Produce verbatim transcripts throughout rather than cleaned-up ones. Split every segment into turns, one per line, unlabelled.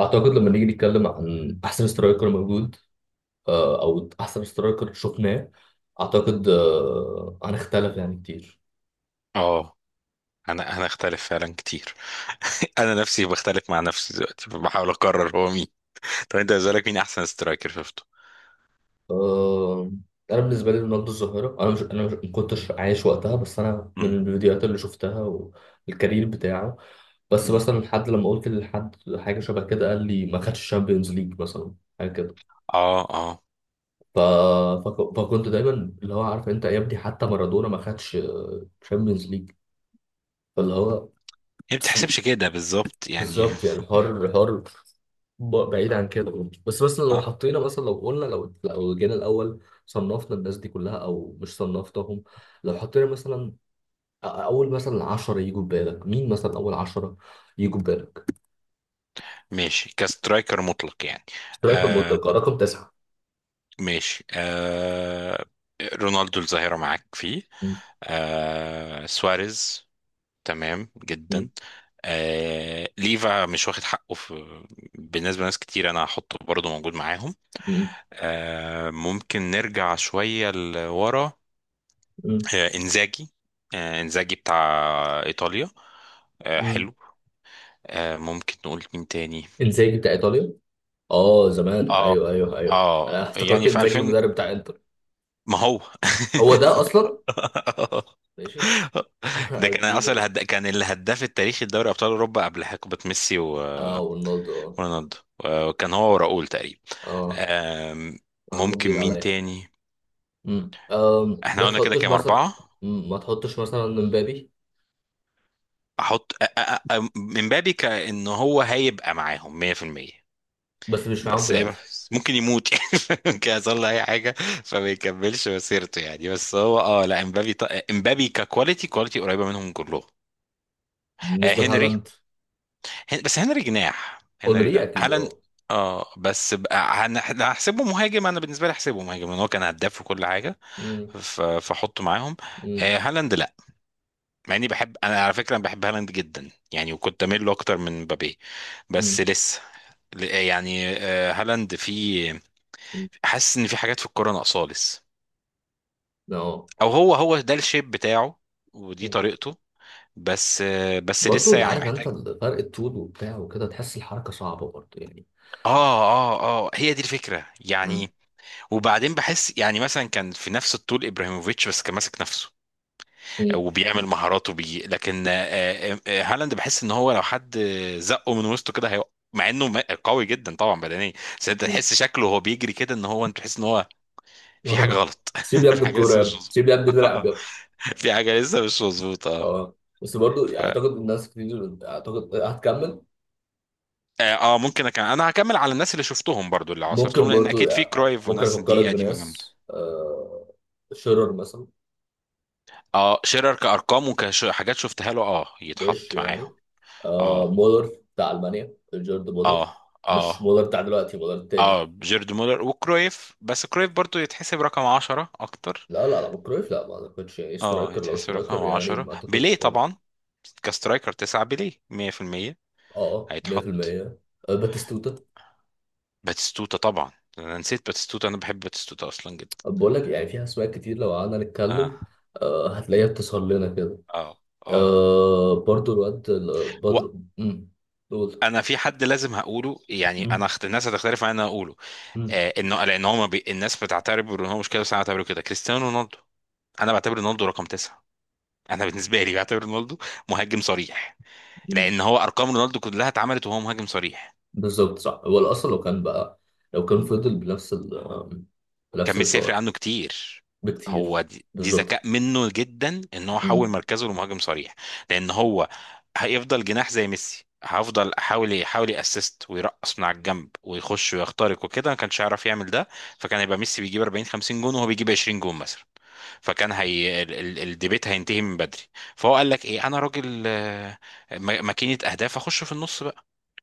اعتقد لما نيجي نتكلم عن احسن سترايكر موجود، آه، او احسن سترايكر شفناه. اعتقد آه، هنختلف يعني كتير.
اه، انا انا اختلف فعلا كتير. انا نفسي بختلف مع نفسي دلوقتي، بحاول اقرر هو مين. طب انت بالنسبه لك مين احسن سترايكر شفته؟
آه، انا بالنسبه لي رونالدو الظاهره. انا مش انا مش ما كنتش عايش وقتها، بس انا من
مم.
الفيديوهات اللي شفتها والكارير بتاعه. بس
مم.
مثلا حد لما قلت لحد حاجه شبه كده قال لي ما خدش الشامبيونز ليج مثلا، حاجه كده.
اه اه.
ف... فك- فكنت دايما اللي هو: عارف انت يا ابني؟ حتى مارادونا ما خدش شامبيونز ليج. فاللي هو
هي ما بتحسبش كده بالظبط يعني.
بالظبط يعني، حر حر. ب- بعيد عن كده، بس مثلا لو
اه
حطينا مثلا، لو قلنا، لو لو جينا الاول صنفنا الناس دي كلها، او مش صنفتهم. لو حطينا مثلا أ- اول مثلا عشرة يجوا في بالك، مين مثلا اول عشرة يجوا في بالك؟
ماشي، كسترايكر مطلق يعني.
اشتراك
آه
المطلقه رقم تسعة.
ماشي آه. رونالدو الظاهره معاك فيه.
م-
آه سواريز، تمام
م-
جدا. آه ليفا مش واخد حقه. في بالنسبه لناس كتير انا هحطه برضه موجود معاهم.
م-
آه، ممكن نرجع شوية لورا.
م-
آه، إنزاجي. آه، إنزاجي بتاع إيطاليا. آه،
م.
حلو. آه، ممكن نقول مين تاني.
انزاجي بتاع ايطاليا. اه زمان،
اه
ايوه ايوه ايوه،
اه،
انا افتكرت
يعني في
انزاجي
الفين.
المدرب بتاع انتر.
ما هو
هو ده اصلا. ماشي.
ده كان
جديده
اصلا
دي.
هد... كان الهداف التاريخي لدوري ابطال اوروبا قبل حقبه ميسي و...
اه رونالدو اه.
ورونالدو. وكان هو وراؤول تقريبا.
اه
آم،
معلومه
ممكن
جديده
مين
عليا.
تاني.
مم. أم، ما
احنا قلنا كده
تحطوش
كام،
مثلا.
اربعه.
مم، ما تحطوش مثلا مبابي.
احط أ- أ- أ- من بابي كأن هو هيبقى معاهم ميه في الميه.
بس مش معاهم
بس هي-
دلوقتي.
بس ممكن يموت يعني ممكن يحصل له اي حاجه فما يكملش مسيرته يعني. بس هو اه لا امبابي ط... امبابي ككواليتي، كواليتي قريبه منهم كلهم. آه
بالنسبة
هنري.
لهالاند.
هن... بس هنري جناح، هنري
اونري
لا
اكيد
هالاند.
اه.
اه بس بقى هن- هحسبه مهاجم، انا بالنسبه لي احسبه مهاجم لان هو كان هداف وكل حاجه.
مم.
ف... فاحطه معاهم.
مم.
آه هالاند لا، مع اني بحب، انا على فكره أنا بحب هالاند جدا يعني، وكنت اميل له اكتر من مبابي. بس
مم.
لسه ل- يعني آه، هالاند، في
مم.
حاسس ان في حاجات في الكوره ناقصاه لسه،
اه.
او هو هو ده الشيب بتاعه ودي
مم.
طريقته. بس آه، بس
برضه
لسه
اللي
يعني
عارف انت،
محتاج.
فرق الطول وبتاع وكده، تحس الحركة صعبة برضه يعني.
اه اه اه، هي دي الفكره
مم.
يعني. وبعدين بحس يعني مثلا كان في نفس الطول ابراهيموفيتش بس كان ماسك نفسه
مم.
وبيعمل مهاراته بيه. لكن آه، آه، آه، هالاند بحس ان هو لو حد زقه من وسطه كده هيقع، مع انه م- قوي جدا طبعا بدنيا. بس انت
مم.
تحس شكله وهو بيجري كده، ان هو انت تحس ان هو في حاجه
آه.
غلط،
سيب يا ابني
في حاجه
الكورة،
لسه
يا
مش
ابني سيب يا
مظبوطه.
ابني، نلعب يا ابني.
في حاجه لسه مش مظبوطه.
اه، بس برضه
ف...
يعني اعتقد الناس كتير، اعتقد هتكمل.
اه آه، ممكن أكمل. انا هكمل على الناس اللي شفتهم برضو، اللي عاصرتهم،
ممكن
لان
برضه
اكيد
يعني،
في
آه،
كرايف
ممكن
وناس
افكرك
دي قديمه جامده.
بناس، آه، شيرر مثلا.
اه شيرر كارقام وكحاجات شفتها له، اه
وش
يتحط معاهم.
يعني. آه
اه
مولر بتاع المانيا، جيرد مولر.
اه
مش
اه
مولر بتاع دلوقتي، مولر
اه،
التاني.
جيرد مولر وكرويف. بس كرويف برضو يتحسب رقم عشرة اكتر.
لا لا لا، كرويف لا، ما اعتقدش يعني
اه
سترايكر، لو
يتحسب رقم
سترايكر يعني
عشرة.
ما اعتقدش
بيليه
خالص.
طبعا كسترايكر تسعة، بيليه مية في المية
اه،
هيتحط.
مية في المية. آه باتيستوتا.
باتستوتا طبعا، انا نسيت باتستوتا، انا بحب باتستوتا اصلا جدا.
بقول لك يعني فيها اسماء كتير لو قعدنا
اه
نتكلم. آه هتلاقيها بتسهر لنا كده.
اه اه.
آه برضو الواد ال- بدر. مم، دول.
وانا في حد لازم هقوله يعني، انا
مم.
اخت... الناس هتختلف معايا ان انا اقوله.
مم.
آه، انه لان هو ما بي... الناس بتعتبر ان هو مش كده، بس انا بعتبره كده: كريستيانو رونالدو. انا بعتبر رونالدو رقم تسعة. انا بالنسبه لي بعتبر رونالدو مهاجم صريح،
مم.
لان هو ارقام رونالدو كلها اتعملت وهو مهاجم صريح.
بالظبط صح، هو الاصل، لو كان بقى، لو كان فضل بنفس ال آم،
كان
بنفس
ميسي يفرق
الحوار.
عنه كتير. هو
بكتير.
دي, دي
بالظبط.
ذكاء منه جدا ان هو حول
امم.
مركزه لمهاجم صريح. لان هو هيفضل جناح زي ميسي، هفضل احاول يحاول ياسست ويرقص من على الجنب ويخش ويخترق وكده، ما كانش هيعرف يعمل ده. فكان هيبقى ميسي بيجيب اربعين خمسين جون وهو بيجيب عشرين جون مثلا. فكان هي ال- ال- الديبيت هينتهي من بدري. فهو قال لك ايه، انا راجل آه، م- ماكينه اهداف، اخش في النص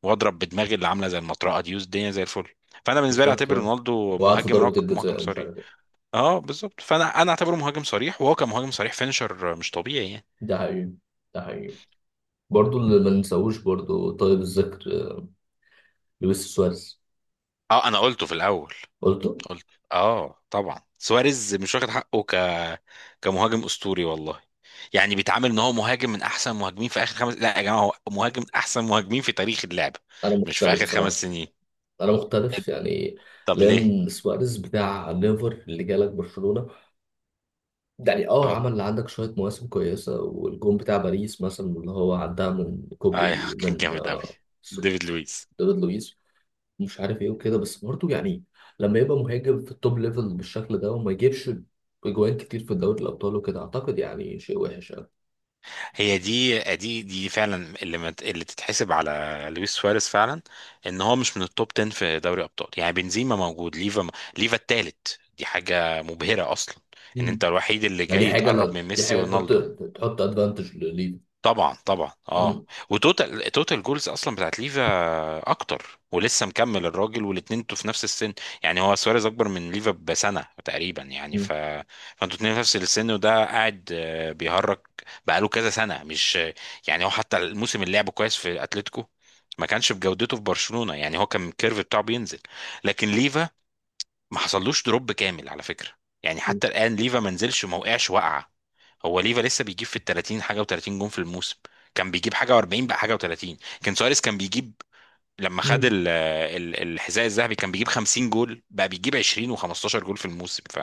واضرب بدماغي اللي عامله زي المطرقه دي، والدنيا زي الفل. فانا بالنسبه لي
بالظبط
اعتبر
اه.
رونالدو
وقعد في
مهاجم
ضربة
رق... مهاجم
الجزاء ومش
صريح.
عارف ايه.
اه بالظبط. فانا انا اعتبره مهاجم صريح، وهو كان مهاجم صريح فينشر مش طبيعي يعني.
ده حقيقي. ده حقيقي. برضه اللي ما ننساهوش برضه، طيب الذكر، لويس سواريز.
اه انا قلته في الاول،
قلته.
قلت. اه طبعا سواريز مش واخد حقه ك كمهاجم اسطوري والله. يعني بيتعامل ان هو مهاجم من احسن مهاجمين في اخر خمس. لا يا جماعه، هو مهاجم من احسن مهاجمين في تاريخ اللعبه،
انا
مش في
مختلف
اخر خمس
بصراحة.
سنين.
انا مختلف يعني.
طب ليه؟
لان سواريز بتاع ليفر اللي جالك برشلونة، يعني اه،
اه
عمل عندك شوية مواسم كويسة. والجون بتاع باريس مثلا اللي هو عدها من
ايوه
كوبري،
كان
من
جامد قوي،
آه،
ديفيد لويس.
دافيد لويس، مش عارف ايه وكده، بس برضه يعني لما يبقى مهاجم في التوب ليفل بالشكل ده، وما يجيبش اجوان كتير في دوري الابطال وكده، اعتقد يعني شيء وحش يعني.
هي دي دي دي فعلا اللي مت... اللي تتحسب على لويس سواريز فعلا، ان هو مش من التوب عشرة في دوري ابطال. يعني بنزيما موجود، ليفا م... ليفا التالت، دي حاجه مبهره اصلا، ان
مم.
انت الوحيد اللي
يعني دي
جاي
حاجه،
تقرب من
لو دي
ميسي
حاجه تحط،
ورونالدو.
تحط ادفانتج لليفا.
طبعا طبعا اه.
مم.
وتوتال توتال جولز اصلا بتاعت ليفا اكتر، ولسه مكمل الراجل، والاتنين انتوا في نفس السن. يعني هو سواريز اكبر من ليفا بسنه تقريبا يعني.
مم.
ف فانتوا اتنين في نفس السن، وده قاعد آه، بيهرج بقاله كذا سنه، مش يعني. هو حتى الموسم اللي لعبه كويس في اتلتيكو ما كانش بجودته في برشلونه، يعني هو كان الكيرف بتاعه بينزل. لكن ليفا ما حصلوش دروب كامل على فكره، يعني
مم.
حتى الان ليفا ما نزلش، ما وقعش وقعه. هو ليفا لسه بيجيب في ال تلاتين حاجه و30 جون في الموسم، كان بيجيب حاجه و40، بقى حاجه و30. كان سواريز كان بيجيب لما خد
مم.
ال ال الحذاء الذهبي كان بيجيب خمسين جول، بقى بيجيب عشرين و15 جول في الموسم. ف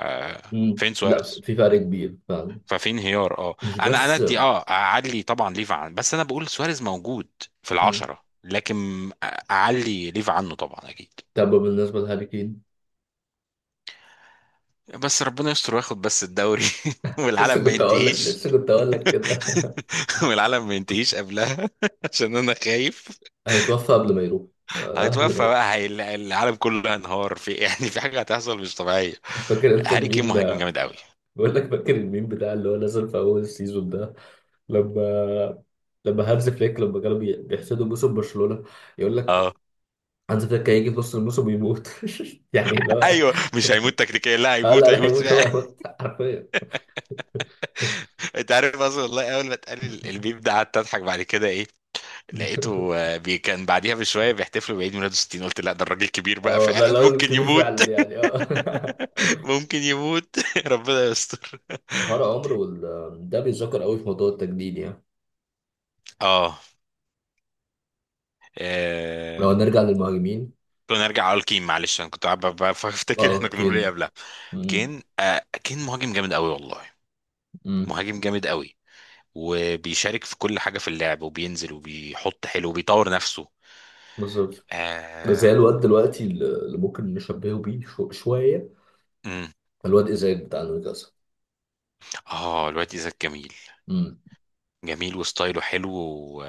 مم.
فين
لا،
سواريز؟
في فرق كبير فعلا.
ففي انهيار اه.
مش
انا انا
بس.
ادي، اه، اعلي طبعا ليفا عن، بس انا بقول سواريز موجود في
مم.
العشرة، لكن اعلي ليفا عنه طبعا اكيد.
طب بالنسبه لهاري كين.
بس ربنا يستر وياخد بس الدوري،
لسه
والعالم ما
كنت اقول لك،
ينتهيش،
لسه كنت اقول لك كده.
والعالم ما ينتهيش قبلها، عشان انا خايف
هيتوفى قبل ما يروح. آه، قبل ما
هيتوفى
يروح.
بقى. هي العالم كله هينهار في يعني، في حاجه هتحصل مش طبيعيه.
فاكر انت
هاري كين
الميم.
مهاجم جامد قوي.
بقول لك فاكر الميم بتاع اللي هو نزل في اول السيزون ده، لما لما هانز فليك، لما كانوا بي- بيحسدوا موسم برشلونة، يقول لك
اه
هانز فليك هيجي في نص الموسم ويموت. يعني لا.
ايوه مش هيموت تكتيكيا، لا
آه
هيموت
لا لا،
هيموت
هيموت هو،
فعلا.
هيموت حرفيا.
انت عارف اصلا والله اول ما اتقال ال- الميم ده قعدت اضحك. بعد كده ايه، لقيته آه، بي كان بعديها بشويه بيحتفلوا بعيد ميلاده ستين. قلت لا ده الراجل كبير بقى
اه لا
فعلا،
لا، هو
ممكن
كبير
يموت.
فعلا يعني اه.
ممكن يموت. ربنا يستر.
حوار عمر وال، ده بيتذكر قوي في موضوع التجديد يعني.
اه
لو هنرجع للمهاجمين.
كنا نرجع على الكين، معلش انا كنت قاعد ب- ب-
اه
بفتكر احنا كنا
اوكي.
بنقول ايه قبلها.
امم.
كين، آه كين مهاجم جامد قوي والله،
امم.
مهاجم جامد قوي. وبيشارك في كل حاجه في اللعب، وبينزل وبيحط حلو وبيطور نفسه.
بالظبط. زي
اه.
الواد دلوقتي اللي اللي ممكن نشبهه بيه شو- شوية.
امم.
الواد إزاي بتاع نيوكاسل.
اه، الواد ايزاك، جميل،
امم.
جميل وستايله حلو و...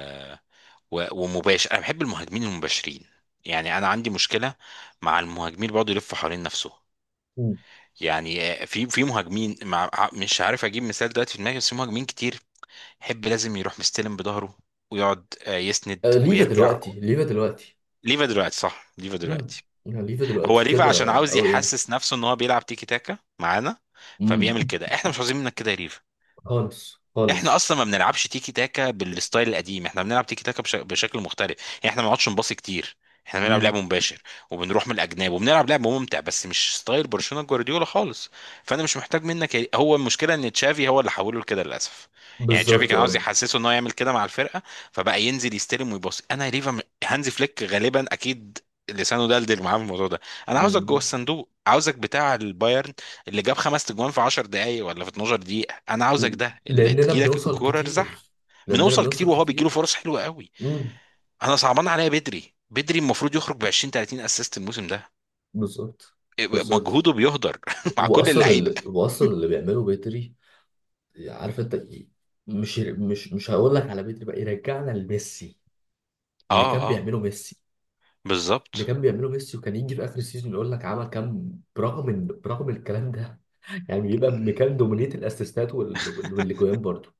و... ومباشر. انا بحب المهاجمين المباشرين. يعني انا عندي مشكله مع المهاجمين اللي بيقعدوا يلفوا حوالين نفسه.
أمم.
يعني آه، في في مهاجمين مع... مش عارف اجيب مثال دلوقتي في دماغي، بس في مهاجمين كتير حب لازم يروح مستلم بظهره، ويقعد آه، يسند
آه، ليفا
ويرجع.
دلوقتي، ليفا دلوقتي.
ليفا دلوقتي، صح ليفا
امم.
دلوقتي.
الهليفة
هو
دلوقتي
ليفا عشان
كده
عاوز
أوي يعني.
يحسس نفسه ان هو بيلعب تيكي تاكا معانا، فبيعمل
امم.
كده. احنا مش عاوزين منك كده يا،
خالص
احنا
خالص.
اصلا ما بنلعبش تيكي تاكا بالستايل القديم، احنا بنلعب تيكي تاكا بش... بشكل مختلف يعني. احنا ما بنقعدش نباصي كتير، احنا بنلعب
امم.
لعب مباشر وبنروح من الاجناب وبنلعب لعب ممتع، بس مش ستايل برشلونة جوارديولا خالص. فانا مش محتاج منك. هو المشكله ان تشافي هو اللي حوله لكده للاسف. يعني تشافي
بالظبط
كان عاوز
اه.
يحسسه ان هو يعمل كده مع الفرقه، فبقى ينزل يستلم ويباصي. انا ليفا م- هانزي فليك غالبا اكيد لسانه دلدل معاه في الموضوع ده. انا عاوزك جوه
امم.
الصندوق، عاوزك بتاع البايرن اللي جاب خمس تجوان في عشر دقايق ولا في اثني عشر دقيقة. انا عاوزك
ل-
ده اللي
لأننا
تجيلك
بنوصل
الكورة ارزح.
كتير. لأننا
بنوصل كتير،
بنوصل
وهو بيجيله
كتير.
فرص حلوة قوي.
امم.
انا صعبان عليا بدري. بدري المفروض يخرج ب عشرين تلاتين اسيست الموسم ده،
بالظبط. بالظبط.
مجهوده بيهدر مع كل
وأصلا
اللعيبة.
اللي، وأصلا اللي بيعمله بدري، عارف أنت إيه؟ مش مش مش هقول لك على بدري بقى يرجعنا لميسي. اللي
اه
كان
اه
بيعمله ميسي. اللي
بالظبط.
كان بيعمله ميسي، وكان يجي في اخر السيزون يقول لك عمل كام، برغم إن- برغم الكلام ده. يعني بيبقى مكان دومينية الاسيستات وال- وال- والاجوان برضه.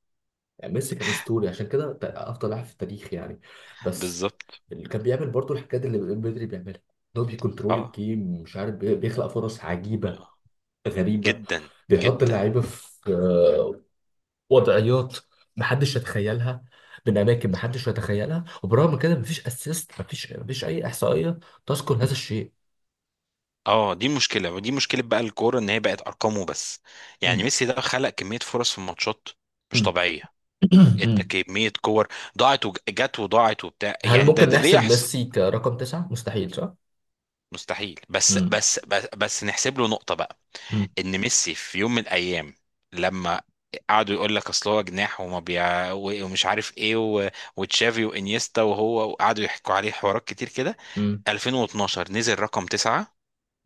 يعني ميسي كان اسطوري، عشان كده ت- افضل لاعب في التاريخ يعني. بس.
بالظبط
اللي كان بيعمل برضه الحاجات اللي بدري بيعملها، ان هو بيكنترول
اه
الجيم، مش عارف، بي- بيخلق فرص عجيبه
اه.
غريبه.
جدا
بيحط
جدا.
اللعيبه في آه، وضعيات محدش يتخيلها، من اماكن محدش يتخيلها. وبرغم كده، مفيش اسيست، مفيش مفيش اي احصائيه تذكر هذا الشيء.
اه دي مشكلة، ودي مشكلة بقى الكورة ان هي بقت ارقامه بس. يعني
مم.
ميسي ده خلق كمية فرص في الماتشات مش
مم.
طبيعية، ادى
مم.
كمية كور ضاعت وجت وضاعت وبتاع.
هل
يعني ده
ممكن
ده ليه
نحسب
يحصل.
ميسي كرقم تسعة؟ مستحيل صح؟
مستحيل. بس
مم.
بس بس, بس نحسب له نقطة بقى،
مم.
ان ميسي في يوم من الايام لما قعدوا يقول لك اصل هو جناح وما بيع و- ومش عارف ايه و... وتشافي وانيستا وهو، وقعدوا يحكوا عليه حوارات كتير كده،
مم.
الفين واتناشر نزل رقم تسعة،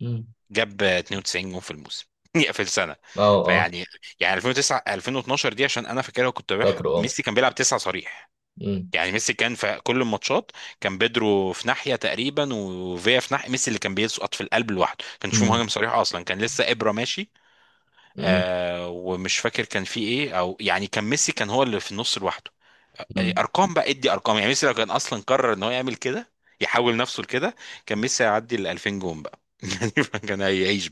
مم.
جاب اتنين وتسعين جون في الموسم يا في السنة.
اه اه.
فيعني، يعني الفين وتسعة الفين واتناشر دي عشان انا فاكرها كنت بح...
فاكره اه.
ميسي كان بيلعب تسعة صريح.
مم.
يعني ميسي كان في كل الماتشات، كان بيدرو في ناحيه تقريبا، وفيا في ناحيه، ميسي اللي كان بيسقط في القلب لوحده، كان شوف
مم.
مهاجم صريح اصلا، كان لسه ابره ماشي.
مم.
آه ومش فاكر كان في ايه، او يعني كان ميسي كان هو اللي في النص لوحده. آه،
مم.
ارقام بقى ادي ارقام. يعني ميسي لو كان اصلا قرر ان هو يعمل كده، يحول نفسه لكده، كان ميسي هيعدي ال الفين جون بقى. يعني كان هيعيش